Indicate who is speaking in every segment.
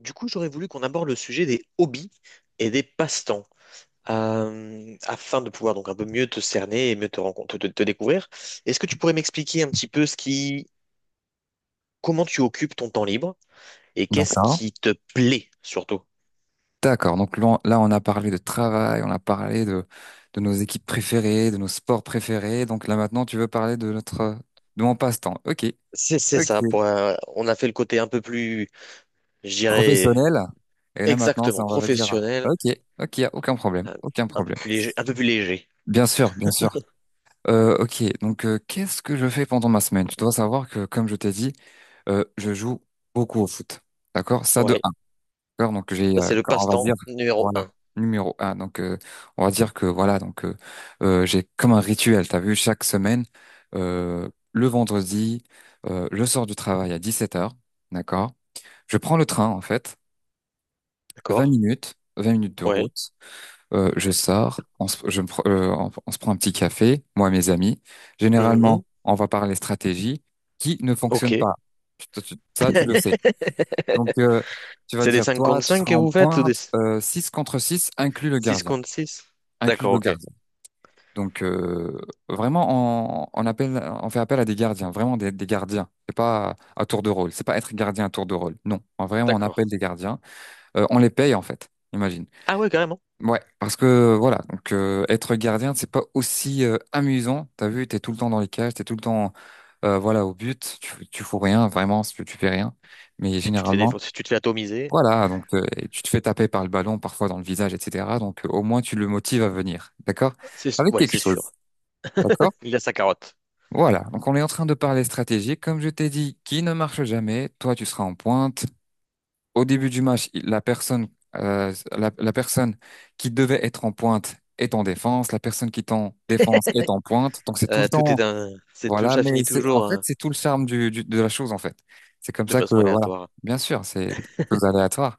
Speaker 1: Du coup, j'aurais voulu qu'on aborde le sujet des hobbies et des passe-temps, afin de pouvoir donc un peu mieux te cerner et mieux te rencontrer, te découvrir. Est-ce que tu pourrais m'expliquer un petit peu comment tu occupes ton temps libre et qu'est-ce
Speaker 2: D'accord.
Speaker 1: qui te plaît surtout?
Speaker 2: D'accord. Donc là, on là, on a parlé de travail, on a parlé de nos équipes préférées, de nos sports préférés. Donc là, maintenant, tu veux parler de notre, de mon passe-temps. OK.
Speaker 1: C'est ça.
Speaker 2: Ok.
Speaker 1: Pour, on a fait le côté un peu plus, je dirais,
Speaker 2: Professionnel. Et là, maintenant, ça,
Speaker 1: exactement
Speaker 2: on va dire,
Speaker 1: professionnel,
Speaker 2: OK, OK, y a aucun problème,
Speaker 1: euh,
Speaker 2: aucun
Speaker 1: un peu
Speaker 2: problème.
Speaker 1: plus léger, un peu plus léger.
Speaker 2: Bien sûr, bien sûr. OK. Donc, qu'est-ce que je fais pendant ma semaine? Tu dois savoir que, comme je t'ai dit, je joue beaucoup au foot. D'accord? Ça, de
Speaker 1: Ouais.
Speaker 2: D'accord, donc
Speaker 1: Ça, c'est le
Speaker 2: on va dire,
Speaker 1: passe-temps numéro
Speaker 2: voilà,
Speaker 1: un.
Speaker 2: numéro un. Donc, on va dire que voilà, donc j'ai comme un rituel. T'as vu, chaque semaine, le vendredi, je sors du travail à 17h, d'accord. Je prends le train en fait, 20
Speaker 1: D'accord?
Speaker 2: minutes, 20 minutes de
Speaker 1: Ouais.
Speaker 2: route. Je sors, on se, je me pr- on se prend un petit café, moi et mes amis.
Speaker 1: Mhm.
Speaker 2: Généralement, on va parler stratégie qui ne fonctionne
Speaker 1: Ok.
Speaker 2: pas. Ça, tu le sais. Donc, tu vas
Speaker 1: C'est des
Speaker 2: dire,
Speaker 1: 5
Speaker 2: toi,
Speaker 1: contre
Speaker 2: tu
Speaker 1: 5
Speaker 2: seras
Speaker 1: que
Speaker 2: en
Speaker 1: vous faites ou des...
Speaker 2: pointe, 6 contre 6, inclus le
Speaker 1: 6
Speaker 2: gardien.
Speaker 1: contre six.
Speaker 2: Inclus
Speaker 1: D'accord,
Speaker 2: le
Speaker 1: ok.
Speaker 2: gardien. Donc, vraiment, on appelle, on fait appel à des gardiens, vraiment des gardiens. C'est pas à tour de rôle. C'est pas être gardien à tour de rôle. Non. Vraiment, on
Speaker 1: D'accord.
Speaker 2: appelle des gardiens. On les paye, en fait. Imagine.
Speaker 1: Ah ouais, carrément.
Speaker 2: Ouais, parce que voilà, donc être gardien, c'est pas aussi amusant. T'as vu, t'es tout le temps dans les cages, t'es tout le temps, voilà, au but. Tu fous rien, vraiment, tu fais rien. Mais
Speaker 1: Et tu te fais
Speaker 2: généralement,
Speaker 1: défoncer, tu te fais atomiser.
Speaker 2: voilà, donc et tu te fais taper par le ballon parfois dans le visage, etc. Donc au moins tu le motives à venir, d'accord?
Speaker 1: C'est,
Speaker 2: Avec
Speaker 1: ouais,
Speaker 2: quelque
Speaker 1: c'est
Speaker 2: chose,
Speaker 1: sûr.
Speaker 2: d'accord?
Speaker 1: Il a sa carotte.
Speaker 2: Voilà, donc on est en train de parler stratégie. Comme je t'ai dit, qui ne marche jamais, toi tu seras en pointe. Au début du match, la personne, la personne qui devait être en pointe est en défense, la personne qui est en défense est en pointe. Donc c'est tout le
Speaker 1: Tout est
Speaker 2: temps,
Speaker 1: un, c'est tout,
Speaker 2: voilà.
Speaker 1: ça
Speaker 2: Mais
Speaker 1: finit
Speaker 2: c'est en
Speaker 1: toujours
Speaker 2: fait, c'est tout le charme du, de la chose en fait. C'est comme
Speaker 1: de
Speaker 2: ça que
Speaker 1: façon
Speaker 2: voilà,
Speaker 1: aléatoire.
Speaker 2: bien sûr, c'est quelque chose aléatoire.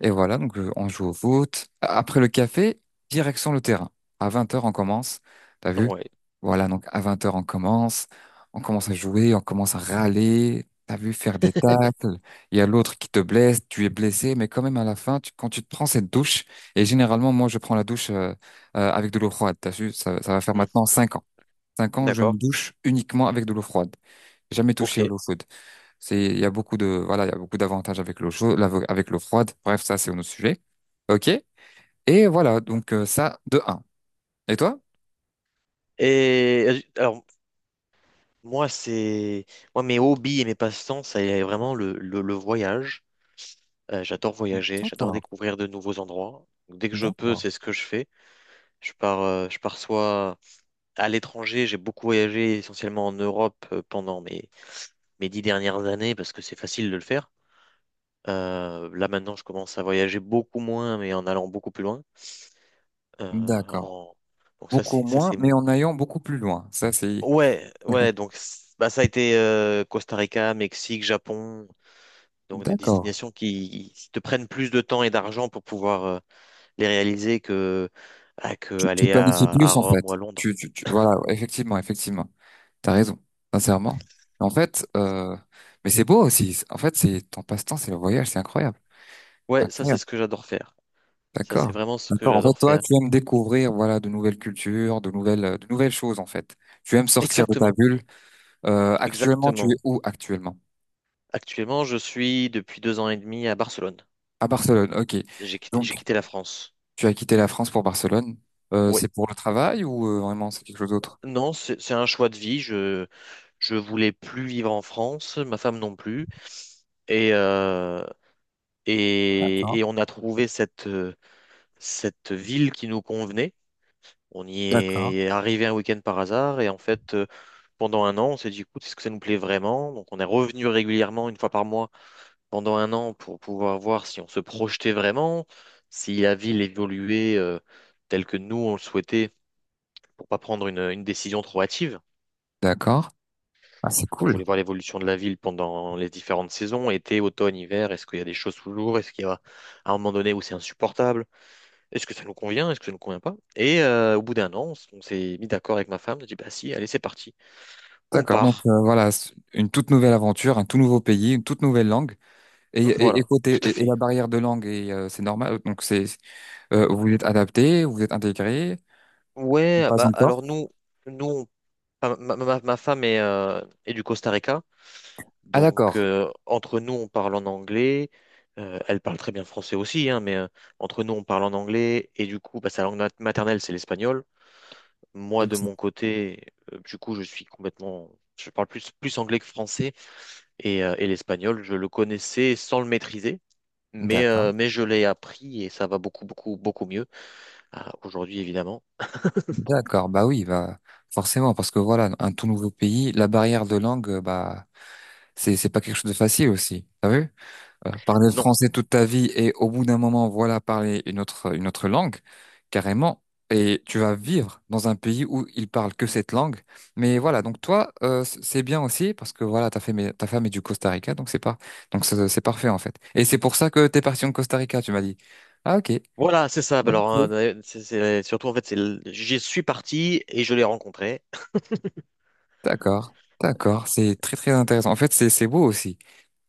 Speaker 2: Et voilà, donc on joue au foot. Après le café, direction le terrain. À 20 heures, on commence. T'as vu?
Speaker 1: Ouais.
Speaker 2: Voilà, donc à 20 heures, on commence. On commence à jouer, on commence à râler. T'as vu faire des tacles. Il y a l'autre qui te blesse, tu es blessé, mais quand même à la fin, quand tu te prends cette douche, et généralement, moi, je prends la douche avec de l'eau froide. T'as vu? Ça va faire
Speaker 1: Hmm.
Speaker 2: maintenant 5 ans. 5 ans, je
Speaker 1: D'accord.
Speaker 2: me douche uniquement avec de l'eau froide. Jamais touché à
Speaker 1: Ok.
Speaker 2: l'eau chaude. Il y a beaucoup de, voilà, il y a beaucoup d'avantages avec l'eau chaude, avec l'eau froide. Bref, ça, c'est un autre sujet. OK? Et voilà, donc ça, de un. Et toi?
Speaker 1: Et alors, moi, c'est, moi, mes hobbies et mes passe-temps, c'est vraiment le voyage. J'adore voyager, j'adore
Speaker 2: D'accord,
Speaker 1: découvrir de nouveaux endroits. Dès que je peux,
Speaker 2: d'accord,
Speaker 1: c'est ce que je fais. Je pars soit à l'étranger, j'ai beaucoup voyagé essentiellement en Europe pendant mes dix dernières années parce que c'est facile de le faire. Là maintenant, je commence à voyager beaucoup moins, mais en allant beaucoup plus loin. Euh,
Speaker 2: d'accord.
Speaker 1: en- Donc
Speaker 2: Beaucoup
Speaker 1: ça,
Speaker 2: moins,
Speaker 1: c'est
Speaker 2: mais en allant beaucoup plus loin. Ça, c'est...
Speaker 1: ouais, ouais. Ça a été Costa Rica, Mexique, Japon, donc des
Speaker 2: D'accord.
Speaker 1: destinations qui te prennent plus de temps et d'argent pour pouvoir les réaliser
Speaker 2: Tu,
Speaker 1: que
Speaker 2: tu
Speaker 1: aller
Speaker 2: planifies
Speaker 1: à
Speaker 2: plus, en
Speaker 1: Rome
Speaker 2: fait.
Speaker 1: ou à Londres.
Speaker 2: Voilà, ouais, effectivement, effectivement. T'as raison, sincèrement. En fait, mais c'est beau aussi. En fait, c'est ton passe-temps, c'est le voyage, c'est incroyable. C'est
Speaker 1: Ouais, ça c'est
Speaker 2: incroyable.
Speaker 1: ce que j'adore faire. Ça
Speaker 2: D'accord.
Speaker 1: c'est vraiment ce que
Speaker 2: D'accord. En fait,
Speaker 1: j'adore
Speaker 2: toi,
Speaker 1: faire.
Speaker 2: tu aimes découvrir, voilà, de nouvelles cultures, de nouvelles choses, en fait. Tu aimes sortir de ta
Speaker 1: Exactement,
Speaker 2: bulle. Actuellement, tu es
Speaker 1: exactement.
Speaker 2: où actuellement?
Speaker 1: Actuellement, je suis depuis deux ans et demi à Barcelone.
Speaker 2: À Barcelone. Ok.
Speaker 1: J'ai
Speaker 2: Donc,
Speaker 1: quitté la France.
Speaker 2: tu as quitté la France pour Barcelone.
Speaker 1: Oui.
Speaker 2: C'est pour le travail ou vraiment c'est quelque chose d'autre?
Speaker 1: Non, c'est un choix de vie. Je voulais plus vivre en France, ma femme non plus. Et
Speaker 2: D'accord.
Speaker 1: et on a trouvé cette cette ville qui nous convenait. On y
Speaker 2: D'accord.
Speaker 1: est arrivé un week-end par hasard et en fait pendant un an on s'est dit écoute, est-ce que ça nous plaît vraiment? Donc on est revenu régulièrement une fois par mois pendant un an pour pouvoir voir si on se projetait vraiment, si la ville évoluait telle que nous on le souhaitait pour pas prendre une décision trop hâtive.
Speaker 2: D'accord. Ah, c'est
Speaker 1: On
Speaker 2: cool.
Speaker 1: voulait voir l'évolution de la ville pendant les différentes saisons, été, automne, hiver. Est-ce qu'il y a des choses toujours? Est-ce qu'il y a à un moment donné où c'est insupportable? Est-ce que ça nous convient? Est-ce que ça nous convient pas? Et au bout d'un an, on s'est mis d'accord avec ma femme. On a dit, bah si, allez, c'est parti. On
Speaker 2: D'accord. Donc
Speaker 1: part.
Speaker 2: voilà, c'est une toute nouvelle aventure, un tout nouveau pays, une toute nouvelle langue. Et
Speaker 1: Voilà,
Speaker 2: côté
Speaker 1: tout à
Speaker 2: et
Speaker 1: fait.
Speaker 2: la barrière de langue, c'est normal. Donc c'est vous êtes adapté, vous êtes intégré.
Speaker 1: Ouais,
Speaker 2: Pas
Speaker 1: bah
Speaker 2: encore.
Speaker 1: alors nous, ma femme est, est du Costa Rica.
Speaker 2: Ah
Speaker 1: Donc,
Speaker 2: d'accord.
Speaker 1: entre nous, on parle en anglais. Elle parle très bien français aussi, hein, mais entre nous, on parle en anglais. Et du coup, bah, sa maternelle, c'est l'espagnol. Moi,
Speaker 2: Donc
Speaker 1: de
Speaker 2: c'est
Speaker 1: mon côté, du coup, je suis complètement... Je parle plus anglais que français. Et, l'espagnol, je le connaissais sans le maîtriser.
Speaker 2: d'accord,
Speaker 1: Mais je l'ai appris et ça va beaucoup, beaucoup, beaucoup mieux. Ah, aujourd'hui, évidemment.
Speaker 2: d'accord. Bah oui, bah forcément, parce que voilà, un tout nouveau pays, la barrière de langue, bah c'est pas quelque chose de facile aussi. T'as vu? Parler le
Speaker 1: Non.
Speaker 2: français toute ta vie et au bout d'un moment, voilà, parler une autre langue, carrément. Et tu vas vivre dans un pays où ils parlent que cette langue. Mais voilà, donc toi, c'est bien aussi parce que voilà, ta femme est du Costa Rica, donc c'est pas donc c'est parfait en fait. Et c'est pour ça que t'es parti en Costa Rica, tu m'as dit. Ah ok.
Speaker 1: Voilà, c'est ça. Bah,
Speaker 2: Ok.
Speaker 1: alors, hein, surtout, en fait, j'y suis parti et je l'ai rencontré.
Speaker 2: D'accord, d'accord, c'est très très intéressant. En fait, c'est beau aussi.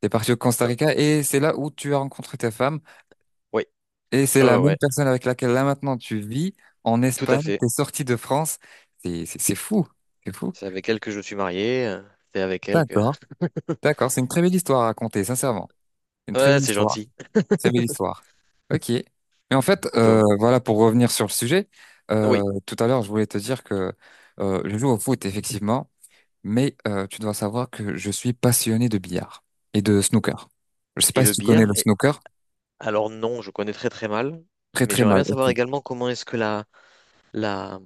Speaker 2: T'es parti au Costa
Speaker 1: Euh,
Speaker 2: Rica et c'est là où tu as rencontré ta femme
Speaker 1: Oui,
Speaker 2: et c'est
Speaker 1: ouais,
Speaker 2: la
Speaker 1: ouais,
Speaker 2: même
Speaker 1: ouais,
Speaker 2: personne avec laquelle là maintenant tu vis en
Speaker 1: tout à
Speaker 2: Espagne.
Speaker 1: fait.
Speaker 2: T'es sorti de France, c'est fou, c'est fou.
Speaker 1: C'est avec elle que je suis marié. C'est avec elle que...
Speaker 2: D'accord, d'accord, c'est une très belle histoire à raconter, sincèrement. Une très
Speaker 1: Ouais,
Speaker 2: belle
Speaker 1: c'est
Speaker 2: histoire,
Speaker 1: gentil.
Speaker 2: très belle histoire. Ok. Mais en fait,
Speaker 1: Plutôt.
Speaker 2: voilà, pour revenir sur le sujet,
Speaker 1: Oui.
Speaker 2: tout à l'heure, je voulais te dire que je joue au foot effectivement. Mais tu dois savoir que je suis passionné de billard et de snooker. Je sais
Speaker 1: Et
Speaker 2: pas si
Speaker 1: le
Speaker 2: tu connais
Speaker 1: bière.
Speaker 2: le
Speaker 1: Et...
Speaker 2: snooker.
Speaker 1: Alors non, je connais très très mal.
Speaker 2: Très
Speaker 1: Mais
Speaker 2: très
Speaker 1: j'aimerais
Speaker 2: mal.
Speaker 1: bien savoir
Speaker 2: Ok.
Speaker 1: également comment est-ce que la...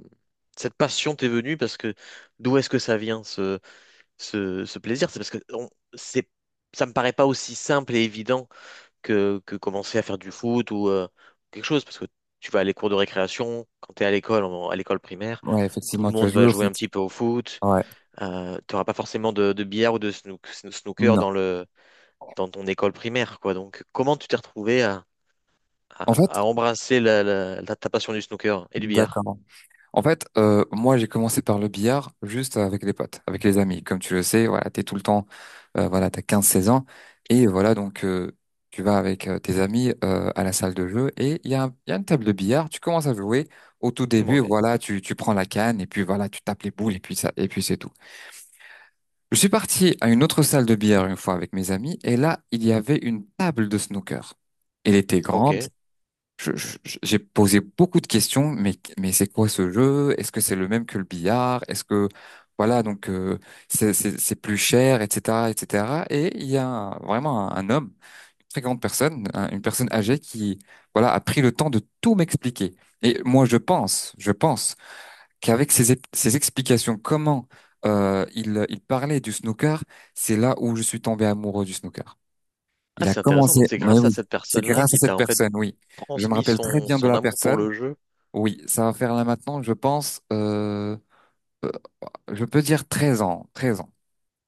Speaker 1: cette passion t'est venue. Parce que d'où est-ce que ça vient, ce plaisir? C'est parce que on... c'est... ça me paraît pas aussi simple et évident que commencer à faire du foot ou quelque chose. Parce que tu vas à les cours de récréation, quand tu es à l'école, à l'école primaire,
Speaker 2: Ouais,
Speaker 1: tout le
Speaker 2: effectivement, tu as
Speaker 1: monde
Speaker 2: joué
Speaker 1: va
Speaker 2: au
Speaker 1: jouer un
Speaker 2: foot.
Speaker 1: petit peu au foot.
Speaker 2: Ouais.
Speaker 1: Tu n'auras pas forcément de billard ou de snooker
Speaker 2: Non.
Speaker 1: dans le, dans ton école primaire, quoi. Donc, comment tu t'es retrouvé
Speaker 2: En fait,
Speaker 1: à embrasser ta passion du snooker et du billard?
Speaker 2: d'accord. En fait, moi j'ai commencé par le billard juste avec les potes, avec les amis. Comme tu le sais, voilà, t'es tout le temps, voilà, t'as 15 16 ans et voilà donc tu vas avec tes amis à la salle de jeu et il y a, il y a une table de billard. Tu commences à jouer. Au tout début,
Speaker 1: Ouais,
Speaker 2: voilà, tu prends la canne et puis voilà, tu tapes les boules et puis ça et puis c'est tout. Je suis parti à une autre salle de billard une fois avec mes amis, et là, il y avait une table de snooker. Elle était grande.
Speaker 1: ok.
Speaker 2: J'ai posé beaucoup de questions, mais c'est quoi ce jeu? Est-ce que c'est le même que le billard? Est-ce que, voilà, donc, c'est plus cher, etc., etc. Et cetera. Et il y a vraiment un homme, une très grande personne, une personne âgée qui, voilà, a pris le temps de tout m'expliquer. Et moi, je pense qu'avec ses explications, comment il parlait du snooker, c'est là où je suis tombé amoureux du snooker. Il
Speaker 1: Ah,
Speaker 2: a
Speaker 1: c'est intéressant. Donc,
Speaker 2: commencé,
Speaker 1: c'est
Speaker 2: mais
Speaker 1: grâce à
Speaker 2: oui,
Speaker 1: cette
Speaker 2: c'est
Speaker 1: personne-là
Speaker 2: grâce à
Speaker 1: qui
Speaker 2: cette
Speaker 1: t'a en fait
Speaker 2: personne, oui. Je me
Speaker 1: transmis
Speaker 2: rappelle très bien de
Speaker 1: son
Speaker 2: la
Speaker 1: amour pour
Speaker 2: personne.
Speaker 1: le jeu.
Speaker 2: Oui, ça va faire là maintenant, je pense, euh, je peux dire 13 ans, 13 ans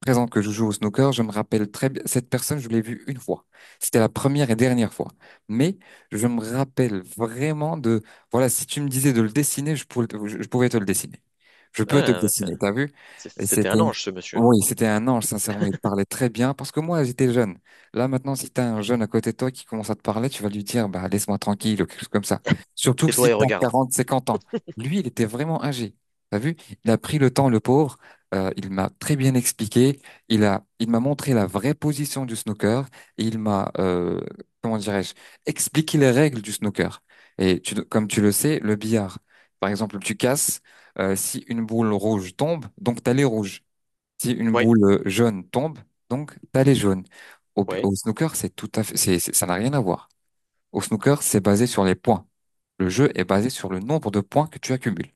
Speaker 2: présent que je joue au snooker, je me rappelle très bien, cette personne, je l'ai vue une fois. C'était la première et dernière fois. Mais je me rappelle vraiment de, voilà, si tu me disais de le dessiner, je pouvais te le dessiner. Je peux te le
Speaker 1: Ah, c'est-
Speaker 2: dessiner, t'as vu? Et c'était,
Speaker 1: C'était un ange, ce monsieur.
Speaker 2: oui, c'était un ange, sincèrement, il te parlait très bien parce que moi, j'étais jeune. Là, maintenant, si t'as un jeune à côté de toi qui commence à te parler, tu vas lui dire, bah, laisse-moi tranquille ou quelque chose comme ça. Surtout si
Speaker 1: Tais-toi et
Speaker 2: t'as
Speaker 1: regarde.
Speaker 2: 40, 50 ans. Lui, il était vraiment âgé. T'as vu? Il a pris le temps, le pauvre. Il m'a très bien expliqué. Il m'a montré la vraie position du snooker et il m'a, comment dirais-je, expliqué les règles du snooker. Et tu, comme tu le sais, le billard, par exemple, tu casses. Si une boule rouge tombe, donc t'as les rouges. Si une
Speaker 1: Ouais,
Speaker 2: boule jaune tombe, donc t'as les jaunes.
Speaker 1: ouais,
Speaker 2: Au snooker, c'est tout à fait, ça n'a rien à voir. Au snooker, c'est basé sur les points. Le jeu est basé sur le nombre de points que tu accumules.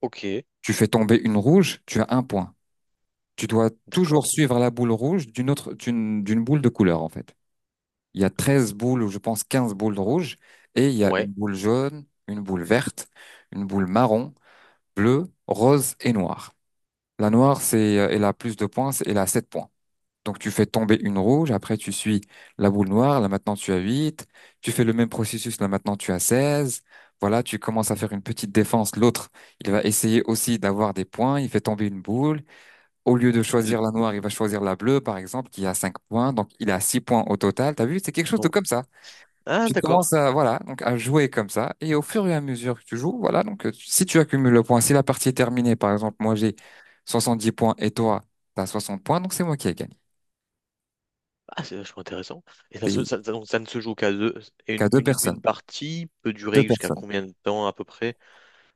Speaker 1: ok,
Speaker 2: Tu fais tomber une rouge, tu as un point. Tu dois toujours
Speaker 1: d'accord.
Speaker 2: suivre la boule rouge d'une autre, d'une boule de couleur, en fait. Il y a 13 boules, ou je pense 15 boules rouges, et il y a
Speaker 1: Ouais.
Speaker 2: une boule jaune, une boule verte, une boule marron, bleue, rose et noire. La noire, elle a plus de points, elle a 7 points. Donc tu fais tomber une rouge, après tu suis la boule noire, là maintenant tu as 8, tu fais le même processus, là maintenant tu as 16. Voilà, tu commences à faire une petite défense. L'autre, il va essayer aussi d'avoir des points, il fait tomber une boule. Au lieu de
Speaker 1: L-
Speaker 2: choisir la noire, il va choisir la bleue, par exemple, qui a 5 points. Donc, il a 6 points au total. T'as vu? C'est quelque chose de
Speaker 1: bon.
Speaker 2: comme ça.
Speaker 1: Ah,
Speaker 2: Tu commences
Speaker 1: d'accord.
Speaker 2: à, voilà, donc à jouer comme ça. Et au fur et à mesure que tu joues, voilà, donc si tu accumules le point, si la partie est terminée, par exemple, moi j'ai 70 points et toi, t'as 60 points, donc c'est moi qui ai gagné.
Speaker 1: Ah, c'est vachement intéressant. Et ça, se-
Speaker 2: T'es
Speaker 1: ça- Donc ça ne se joue qu'à deux. Et
Speaker 2: qu'à deux
Speaker 1: une
Speaker 2: personnes.
Speaker 1: partie peut durer
Speaker 2: Deux
Speaker 1: jusqu'à
Speaker 2: personnes.
Speaker 1: combien de temps à peu près?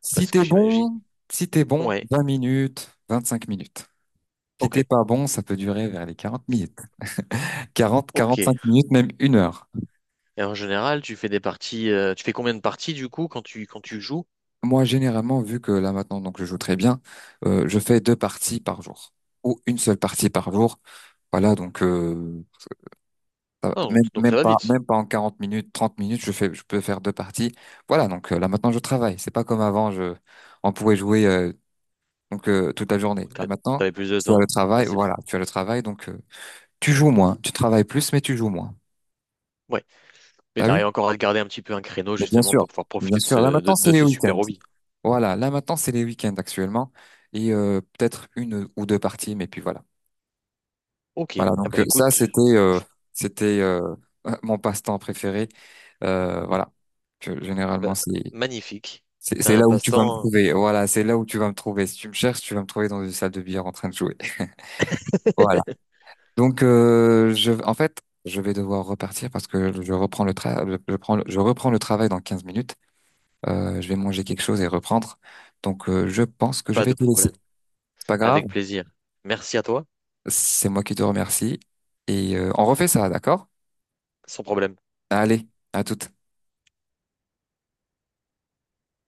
Speaker 2: Si
Speaker 1: Parce que
Speaker 2: t'es
Speaker 1: j'imagine.
Speaker 2: bon, si t'es bon,
Speaker 1: Ouais,
Speaker 2: 20 minutes, 25 minutes. Si
Speaker 1: ok,
Speaker 2: t'es pas bon, ça peut durer vers les 40 minutes. 40, 45
Speaker 1: ok.
Speaker 2: minutes, même une heure.
Speaker 1: Et en général, tu fais des parties. Tu fais combien de parties du coup quand tu joues?
Speaker 2: Moi, généralement, vu que là maintenant, donc je joue très bien, je fais deux parties par jour ou une seule partie par jour. Voilà, donc ça va.
Speaker 1: Ah, donc ça va vite.
Speaker 2: Même pas en 40 minutes, 30 minutes, je peux faire deux parties. Voilà, donc là maintenant je travaille. C'est pas comme avant, je on pouvait jouer toute la journée. Là
Speaker 1: T'as-
Speaker 2: maintenant,
Speaker 1: T'avais plus de
Speaker 2: tu as le
Speaker 1: temps. Bah,
Speaker 2: travail,
Speaker 1: c'est-
Speaker 2: voilà, tu as le travail, donc tu joues moins, tu travailles plus, mais tu joues moins.
Speaker 1: ouais. Mais
Speaker 2: T'as vu?
Speaker 1: t'arrives encore à te garder un petit peu un créneau
Speaker 2: Mais bien
Speaker 1: justement
Speaker 2: sûr,
Speaker 1: pour pouvoir
Speaker 2: bien
Speaker 1: profiter de
Speaker 2: sûr. Là
Speaker 1: ce,
Speaker 2: maintenant, c'est
Speaker 1: de
Speaker 2: les
Speaker 1: ce super
Speaker 2: week-ends.
Speaker 1: hobby.
Speaker 2: Voilà, là maintenant c'est les week-ends actuellement et peut-être une ou deux parties, mais puis voilà.
Speaker 1: Ok,
Speaker 2: Voilà,
Speaker 1: ah
Speaker 2: donc
Speaker 1: bah
Speaker 2: ça
Speaker 1: écoute,
Speaker 2: c'était c'était mon passe-temps préféré. Voilà,
Speaker 1: bah,
Speaker 2: généralement c'est
Speaker 1: magnifique.
Speaker 2: c'est
Speaker 1: C'était
Speaker 2: c'est
Speaker 1: un
Speaker 2: là où tu vas me
Speaker 1: passe-temps,
Speaker 2: trouver. Voilà, c'est là où tu vas me trouver. Si tu me cherches, tu vas me trouver dans une salle de billard en train de jouer. Voilà. Donc je en fait je vais devoir repartir parce que je prends le- je reprends le travail dans 15 minutes. Je vais manger quelque chose et reprendre. Donc je pense que je
Speaker 1: pas
Speaker 2: vais
Speaker 1: de
Speaker 2: te laisser.
Speaker 1: problème.
Speaker 2: C'est pas grave.
Speaker 1: Avec plaisir. Merci à toi,
Speaker 2: C'est moi qui te remercie. Et on refait ça, d'accord?
Speaker 1: sans problème.
Speaker 2: Allez, à toute.